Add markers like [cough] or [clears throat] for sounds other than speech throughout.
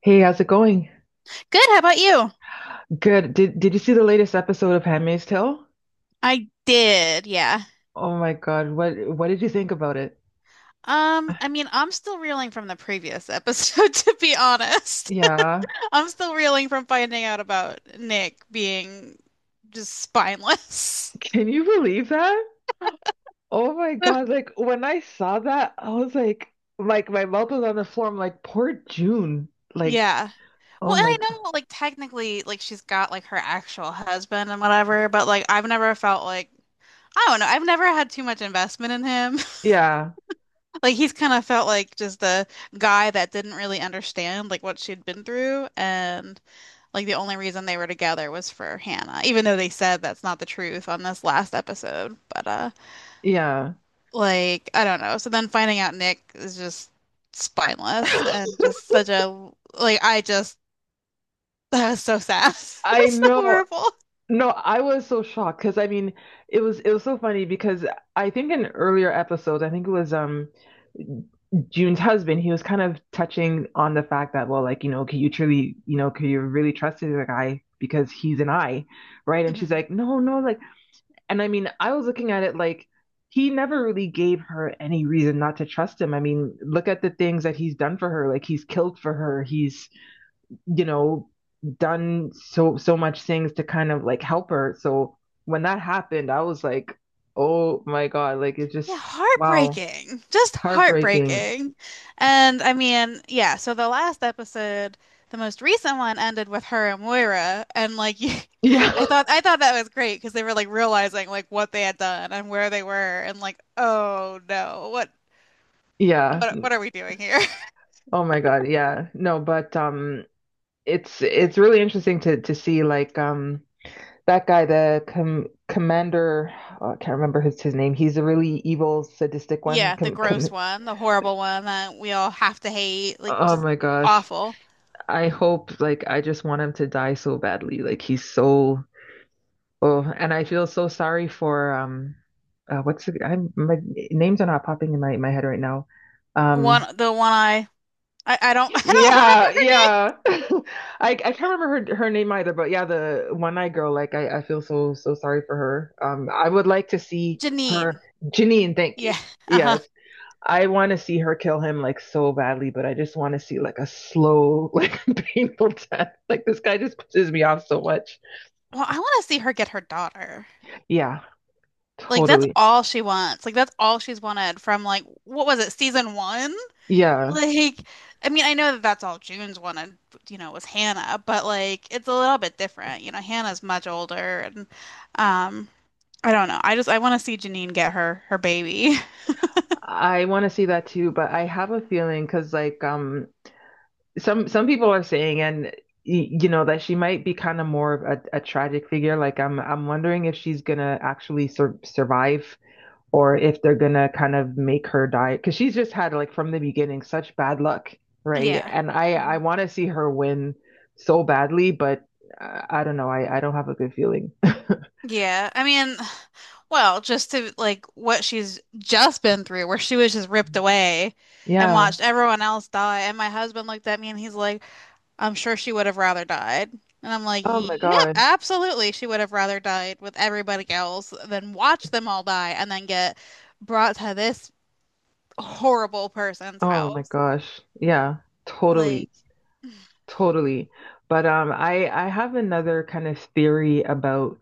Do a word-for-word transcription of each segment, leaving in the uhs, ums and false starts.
Hey, how's it going? Good. How about you? Good. Did did you see the latest episode of Handmaid's Tale? I did. Yeah. Oh my God, what what did you think about it? Um, I mean, I'm still reeling from the previous episode, [laughs] to be honest. [laughs] Yeah. I'm still reeling from finding out about Nick being just spineless. [laughs] Can you believe that? Oh my [laughs] God, like when I saw that, I was like like my mouth was on the floor. I'm like, poor June. Like, Yeah. oh Well, and my I God. know, like, technically, like, she's got, like, her actual husband and whatever, but, like, I've never felt like, I don't know, I've never had too much investment in him. [laughs] Yeah. Like, he's kind of felt like just the guy that didn't really understand, like, what she'd been through. And like the only reason they were together was for Hannah, even though they said that's not the truth on this last episode. But uh Yeah. like I don't know. So then finding out Nick is just spineless and [laughs] just such a, like, I just, [laughs] that was so sad. [laughs] I That's so know. horrible. No, I was so shocked because I mean, it was it was so funny because I think in earlier episodes, I think it was um June's husband, he was kind of touching on the fact that, well, like, you know, can you truly, you know, can you really trust the guy because he's an eye, right? And she's Mhm. like, no, no, like, and I mean, I was looking at it like he never really gave her any reason not to trust him. I mean, look at the things that he's done for her. Like, he's killed for her. He's, you know, done so so much things to kind of like help her. So when that happened, I was like, oh my God, like it's Yeah, just wow, heartbreaking. Just heartbreaking. heartbreaking. And I mean, yeah, so the last episode, the most recent one ended with her and Moira and like, [laughs] you, Yeah. I thought [laughs] I thought that was great because they were like realizing like what they had done and where they were and like, oh no, what Yeah. what what are we doing here? [laughs] Oh my God. Yeah. No, but um it's it's really interesting to to see like um that guy, the com commander, oh, I can't remember his his name. He's a really evil, sadistic one. Yeah, the Com com gross one, the horrible one that we all have to hate, like oh just my gosh. awful. I hope like I just want him to die so badly. Like he's so oh, and I feel so sorry for um, uh, what's the, I'm my names are not popping in my my head right now. Um, One the one I I, I don't, [laughs] I don't remember yeah, her yeah. [laughs] I I can't remember her her name either, but yeah, the one-eyed girl. Like I I feel so so sorry for her. Um, I would like to see name. Janine. her, Janine. Thank Yeah. you. Uh-huh. Yes, I want to see her kill him like so badly, but I just want to see like a slow, [laughs] like painful death. Like this guy just pisses me off so much. Well, I want to see her get her daughter. Yeah, Like that's totally. all she wants. Like that's all she's wanted from, like, what was it, season one? Yeah. Like, I mean, I know that that's all June's wanted, you know, was Hannah, but like it's a little bit different. You know, Hannah's much older, and um, I don't know. I just I want to see Janine get her her baby. [laughs] I want to see that too, but I have a feeling because like um some some people are saying and y- you know that she might be kind of more of a, a tragic figure. Like I'm I'm wondering if she's gonna actually sur survive or if they're gonna kind of make her die because she's just had like from the beginning such bad luck, right? Yeah. And I I Mhm. want to see her win so badly, but uh, I don't know. I I don't have a good feeling. [laughs] Yeah, I mean, well, just to like what she's just been through, where she was just ripped away and Yeah. watched everyone else die. And my husband looked at me and he's like, "I'm sure she would have rather died." And I'm like, Oh my yep, God. absolutely. She would have rather died with everybody else than watch them all die and then get brought to this horrible person's Oh my house. gosh. Yeah. Totally. Like, Totally. But um I I have another kind of theory about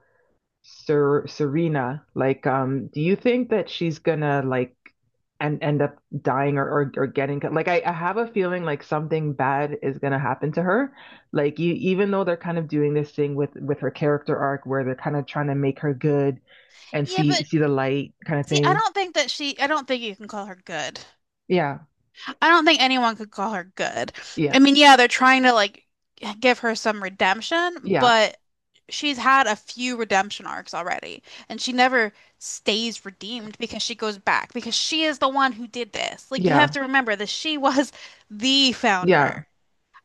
Ser Serena. Like um do you think that she's gonna like and end up dying or or, or getting like I, I have a feeling like something bad is gonna happen to her. Like you even though they're kind of doing this thing with with her character arc where they're kind of trying to make her good and yeah, see but see the light kind of see, I thing. don't think that she, I don't think you can call her good. Yeah. I don't think anyone could call her good. Yeah. I mean, yeah, they're trying to like give her some redemption, Yeah. but she's had a few redemption arcs already, and she never stays redeemed because she goes back because she is the one who did this. Like you have Yeah. to remember that she [laughs] was the founder Yeah.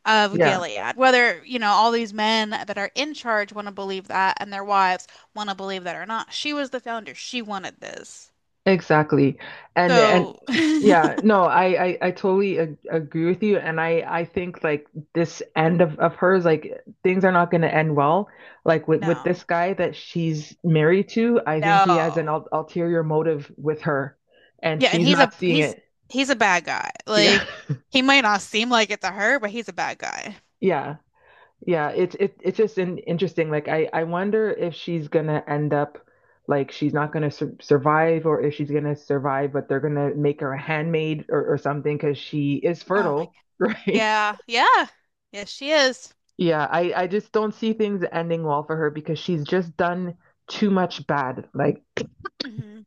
of Yeah. Gilead. Whether, you know, all these men that are in charge want to believe that and their wives want to believe that or not, she was the founder. She wanted this. Exactly. And and So, [laughs] yeah, no, I I, I totally ag agree with you and I I think like this end of of hers like things are not going to end well. Like with with this no. guy that she's married to, I think he has an No. ul ulterior motive with her and Yeah, and she's he's not a seeing he's it. he's a bad guy. Yeah. Like [laughs] he might not seem like it to her, but he's a bad guy. Yeah. Yeah, it's it, it's just an interesting. Like I I wonder if she's gonna end up like she's not gonna sur survive, or if she's gonna survive, but they're gonna make her a handmaid or or something because she is Oh my God. fertile, [laughs] right? Yeah, yeah. Yes, she is. Yeah, I I just don't see things ending well for her because she's just done too much bad. Like Hmm.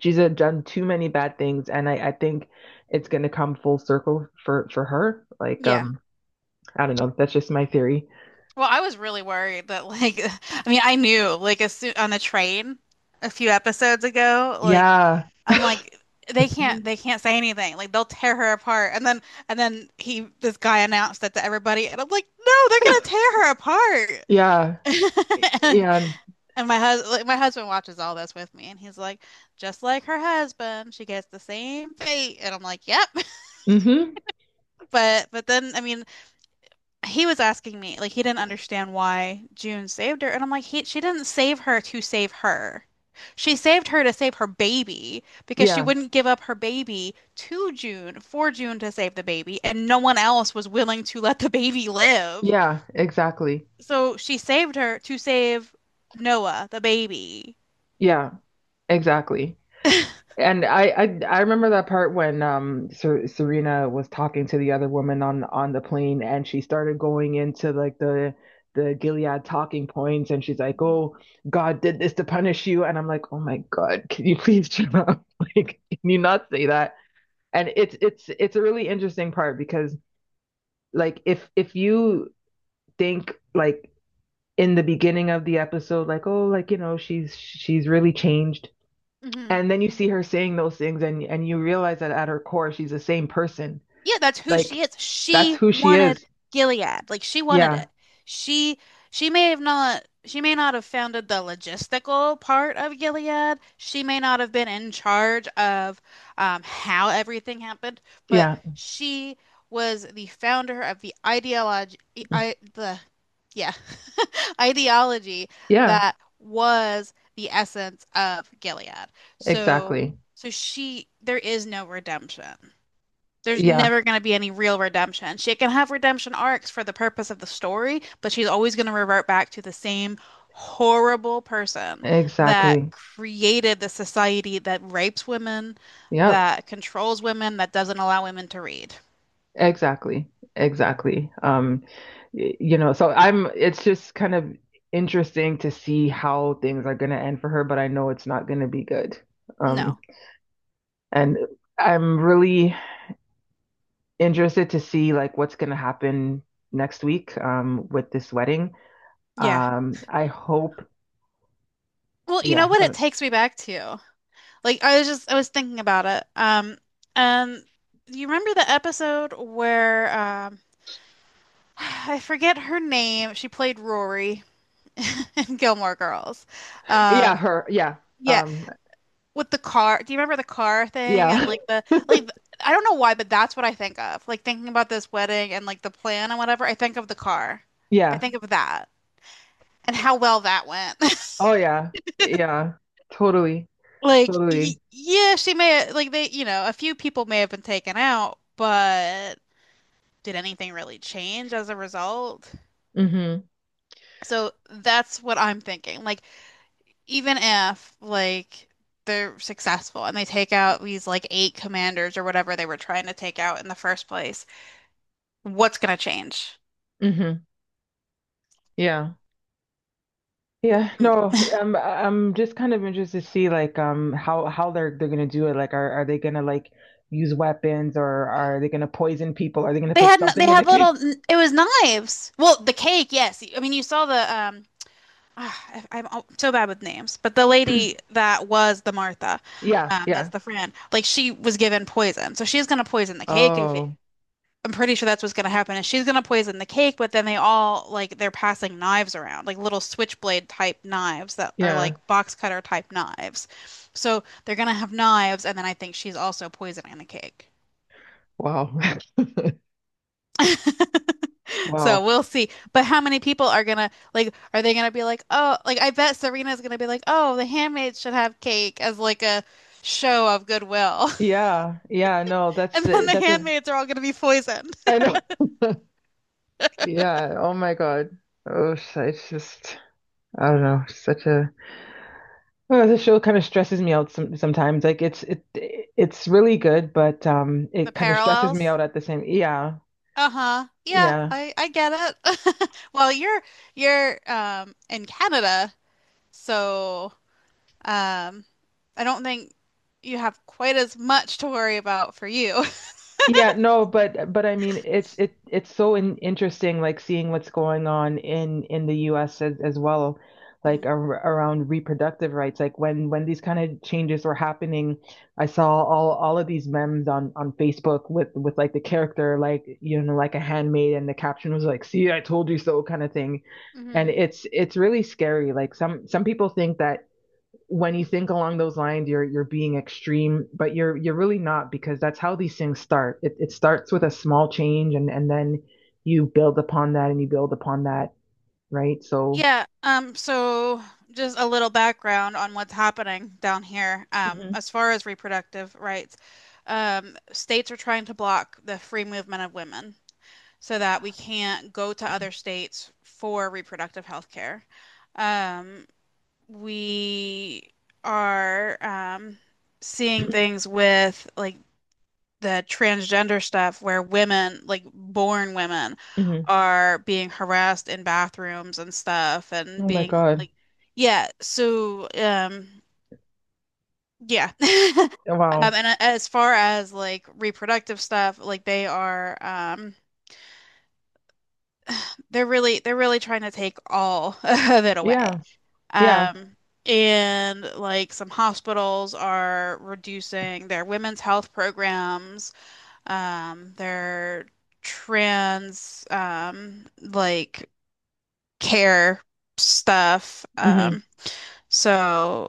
she's uh, done too many bad things, and I I think it's gonna come full circle for for her. Like Yeah. um I don't know, that's just my theory. Well, I was really worried that, like, [laughs] I mean, I knew like as soon on the train a few episodes ago, like Yeah, I'm like they can't they can't say anything. Like they'll tear her apart. And then and then he this guy announced that to everybody and I'm like, "No, they're gonna tear her apart." yeah, [laughs] yeah. And my husband, like, my husband watches all this with me, and he's like, just like her husband, she gets the same fate. And I'm like, yep. [laughs] hmm But but then I mean, he was asking me like he didn't understand why June saved her, and I'm like, he she didn't save her to save her. She saved her to save her baby because she Yeah, wouldn't give up her baby to June for June to save the baby, and no one else was willing to let the baby live. yeah, exactly. So she saved her to save Noah, the baby. Yeah, exactly. And I, I I remember that part when um Ser Serena was talking to the other woman on on the plane and she started going into like the the Gilead talking points and she's like, Mhm. "Oh, God did this to punish you." And I'm like, "Oh my God, can you [laughs] please shut up? [laughs] Like, can you not say that?" And it's it's it's a really interesting part because like if if you think like in the beginning of the episode like oh like you know she's she's really changed Mhm. and then you see her saying those things and and you realize that at her core she's the same person Yeah, that's who she like is. that's She who she wanted is Gilead. Like she wanted yeah it. She she may have not she may not have founded the logistical part of Gilead. She may not have been in charge of um, how everything happened, but yeah she was the founder of the ideology, I the yeah, [laughs] ideology yeah that was the essence of Gilead. So exactly so she there is no redemption. There's yeah never going to be any real redemption. She can have redemption arcs for the purpose of the story, but she's always going to revert back to the same horrible person that exactly created the society that rapes women, yeah that controls women, that doesn't allow women to read. exactly exactly um y- you know so I'm it's just kind of interesting to see how things are going to end for her but I know it's not going to be good um No. and I'm really interested to see like what's going to happen next week, um, with this wedding. Yeah. Um, I hope, Well, you yeah, know what it takes me back to? Like I was just I was thinking about it. Um and you remember the episode where um [sighs] I forget her name. She played Rory [laughs] and Gilmore Girls. yeah, Um, her, yeah, yeah, um, with the car. Do you remember the car thing and yeah, like the, like, I don't know why, but that's what I think of. Like thinking about this wedding and like the plan and whatever, I think of the car. [laughs] I yeah, think of that and how well that went. [laughs] oh yeah, yeah, totally, Like y totally. yeah, she may like they, you know, a few people may have been taken out, but did anything really change as a result? Hmm So that's what I'm thinking. Like even if like they're successful and they take out these like eight commanders or whatever they were trying to take out in the first place, what's gonna change? hmm Yeah. Yeah, no, They um, I- I'm just kind of interested to see like um how how they're they're gonna do it. Like, are are they gonna like use weapons or are they gonna poison people? Are they gonna put had they something in the [laughs] had little cake? it was knives. Well, the cake, yes. I mean, you saw the, um ah, I- am so bad with names, but the lady [clears throat] that was the Martha, Yeah, um, that's yeah. the friend, like she was given poison, so she's gonna poison the cake, if it Oh, I'm pretty sure that's what's gonna happen. And she's gonna poison the cake, but then they all, like, they're passing knives around, like little switchblade type knives that are yeah. like box cutter type knives. So they're gonna have knives, and then I think she's also poisoning the cake. Wow. [laughs] So Wow. we'll see. But how many people are gonna, like? Are they gonna be like, oh, like I bet Serena's gonna be like, oh, the handmaids should have cake as like a show of goodwill, Yeah. Yeah. No, [laughs] that's and then a- the that's a handmaids are all gonna be poisoned. I know. [laughs] Yeah. Oh my God. Oh, sh- it's just I don't know. Such a oh, the show kind of stresses me out some, sometimes. Like it's it it's really good, but um, The it kind of stresses me parallels. out at the same. Yeah. Uh-huh. Yeah, Yeah. I I get it. [laughs] Well, you're you're um in Canada, so um I don't think you have quite as much to worry about for you. [laughs] Yeah, no, but but I mean it's it it's so in, interesting like seeing what's going on in in the U S as, as well like ar around reproductive rights like when when these kind of changes were happening I saw all all of these memes on on Facebook with with like the character like you know like a handmaid and the caption was like see I told you so kind of thing and Mm-hmm. it's it's really scary like some some people think that when you think along those lines you're you're being extreme but you're you're really not because that's how these things start it, it starts with a Hmm. small change and and then you build upon that and you build upon that right so Yeah, um, so just a little background on what's happening down here, um, mm-hmm. as far as reproductive rights. Um, states are trying to block the free movement of women so that we can't go to other states for reproductive health care. Um, we are um, seeing [clears throat] things with like the transgender stuff where women, like born women, Mm-hmm. are being harassed in bathrooms and stuff and oh my being god like, yeah, so um, yeah. [laughs] Um, wow and uh, as far as like reproductive stuff, like they are um, They're really they're really trying to take all [laughs] of it away. yeah yeah Um, and like some hospitals are reducing their women's health programs, um, their trans, um, like, care stuff. mm-hmm. Um, so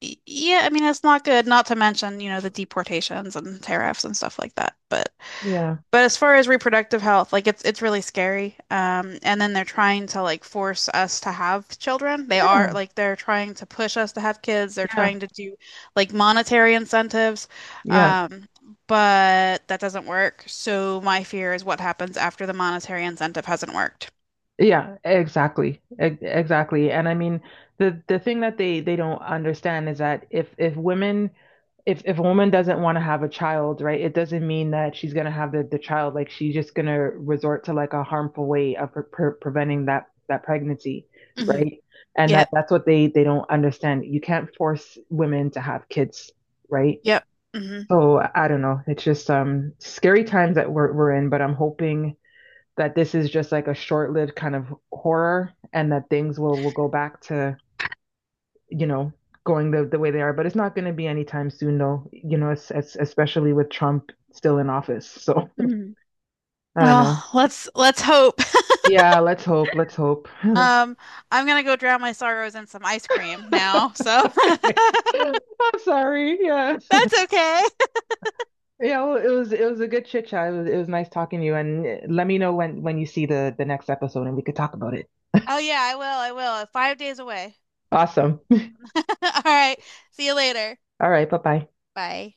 y- yeah, I mean it's not good, not to mention, you know, the deportations and tariffs and stuff like that. But yeah but as far as reproductive health, like it's it's really scary. Um, and then they're trying to like force us to have children. They yeah are, like, they're trying to push us to have kids. They're yeah trying to do like monetary incentives. yeah Um, but that doesn't work. So my fear is what happens after the monetary incentive hasn't worked. Yeah, exactly. E- Exactly. And I mean, the the thing that they they don't understand is that if if women if if a woman doesn't want to have a child, right, it doesn't mean that she's gonna have the the child. Like she's just gonna resort to like a harmful way of pre pre preventing that that pregnancy, Hmm. right? And that Yep. that's what they they don't understand. You can't force women to have kids, right? Yep. Hmm. So I don't know. It's just um scary times that we're we're in, but I'm hoping that this is just like a short-lived kind of horror and that things will will go back to, you know, going the, the way they are, but it's not going to be anytime soon though, you know, it's, it's, especially with Trump still in office. So, Hmm. I don't know. Well, let's let's hope. [laughs] Yeah, let's hope, let's hope. [laughs] Um, I'm gonna go drown my sorrows in some ice cream now, so Okay. [laughs] I'm sorry. Yeah. that's okay. Yeah, well, it was it was a good chit chat. It was, it was nice talking to you and let me know when when you see the the next episode and we could talk about it. Oh yeah, I will. I will. uh, Five days away. Awesome. [laughs] All right. See you later. All right, bye-bye. Bye.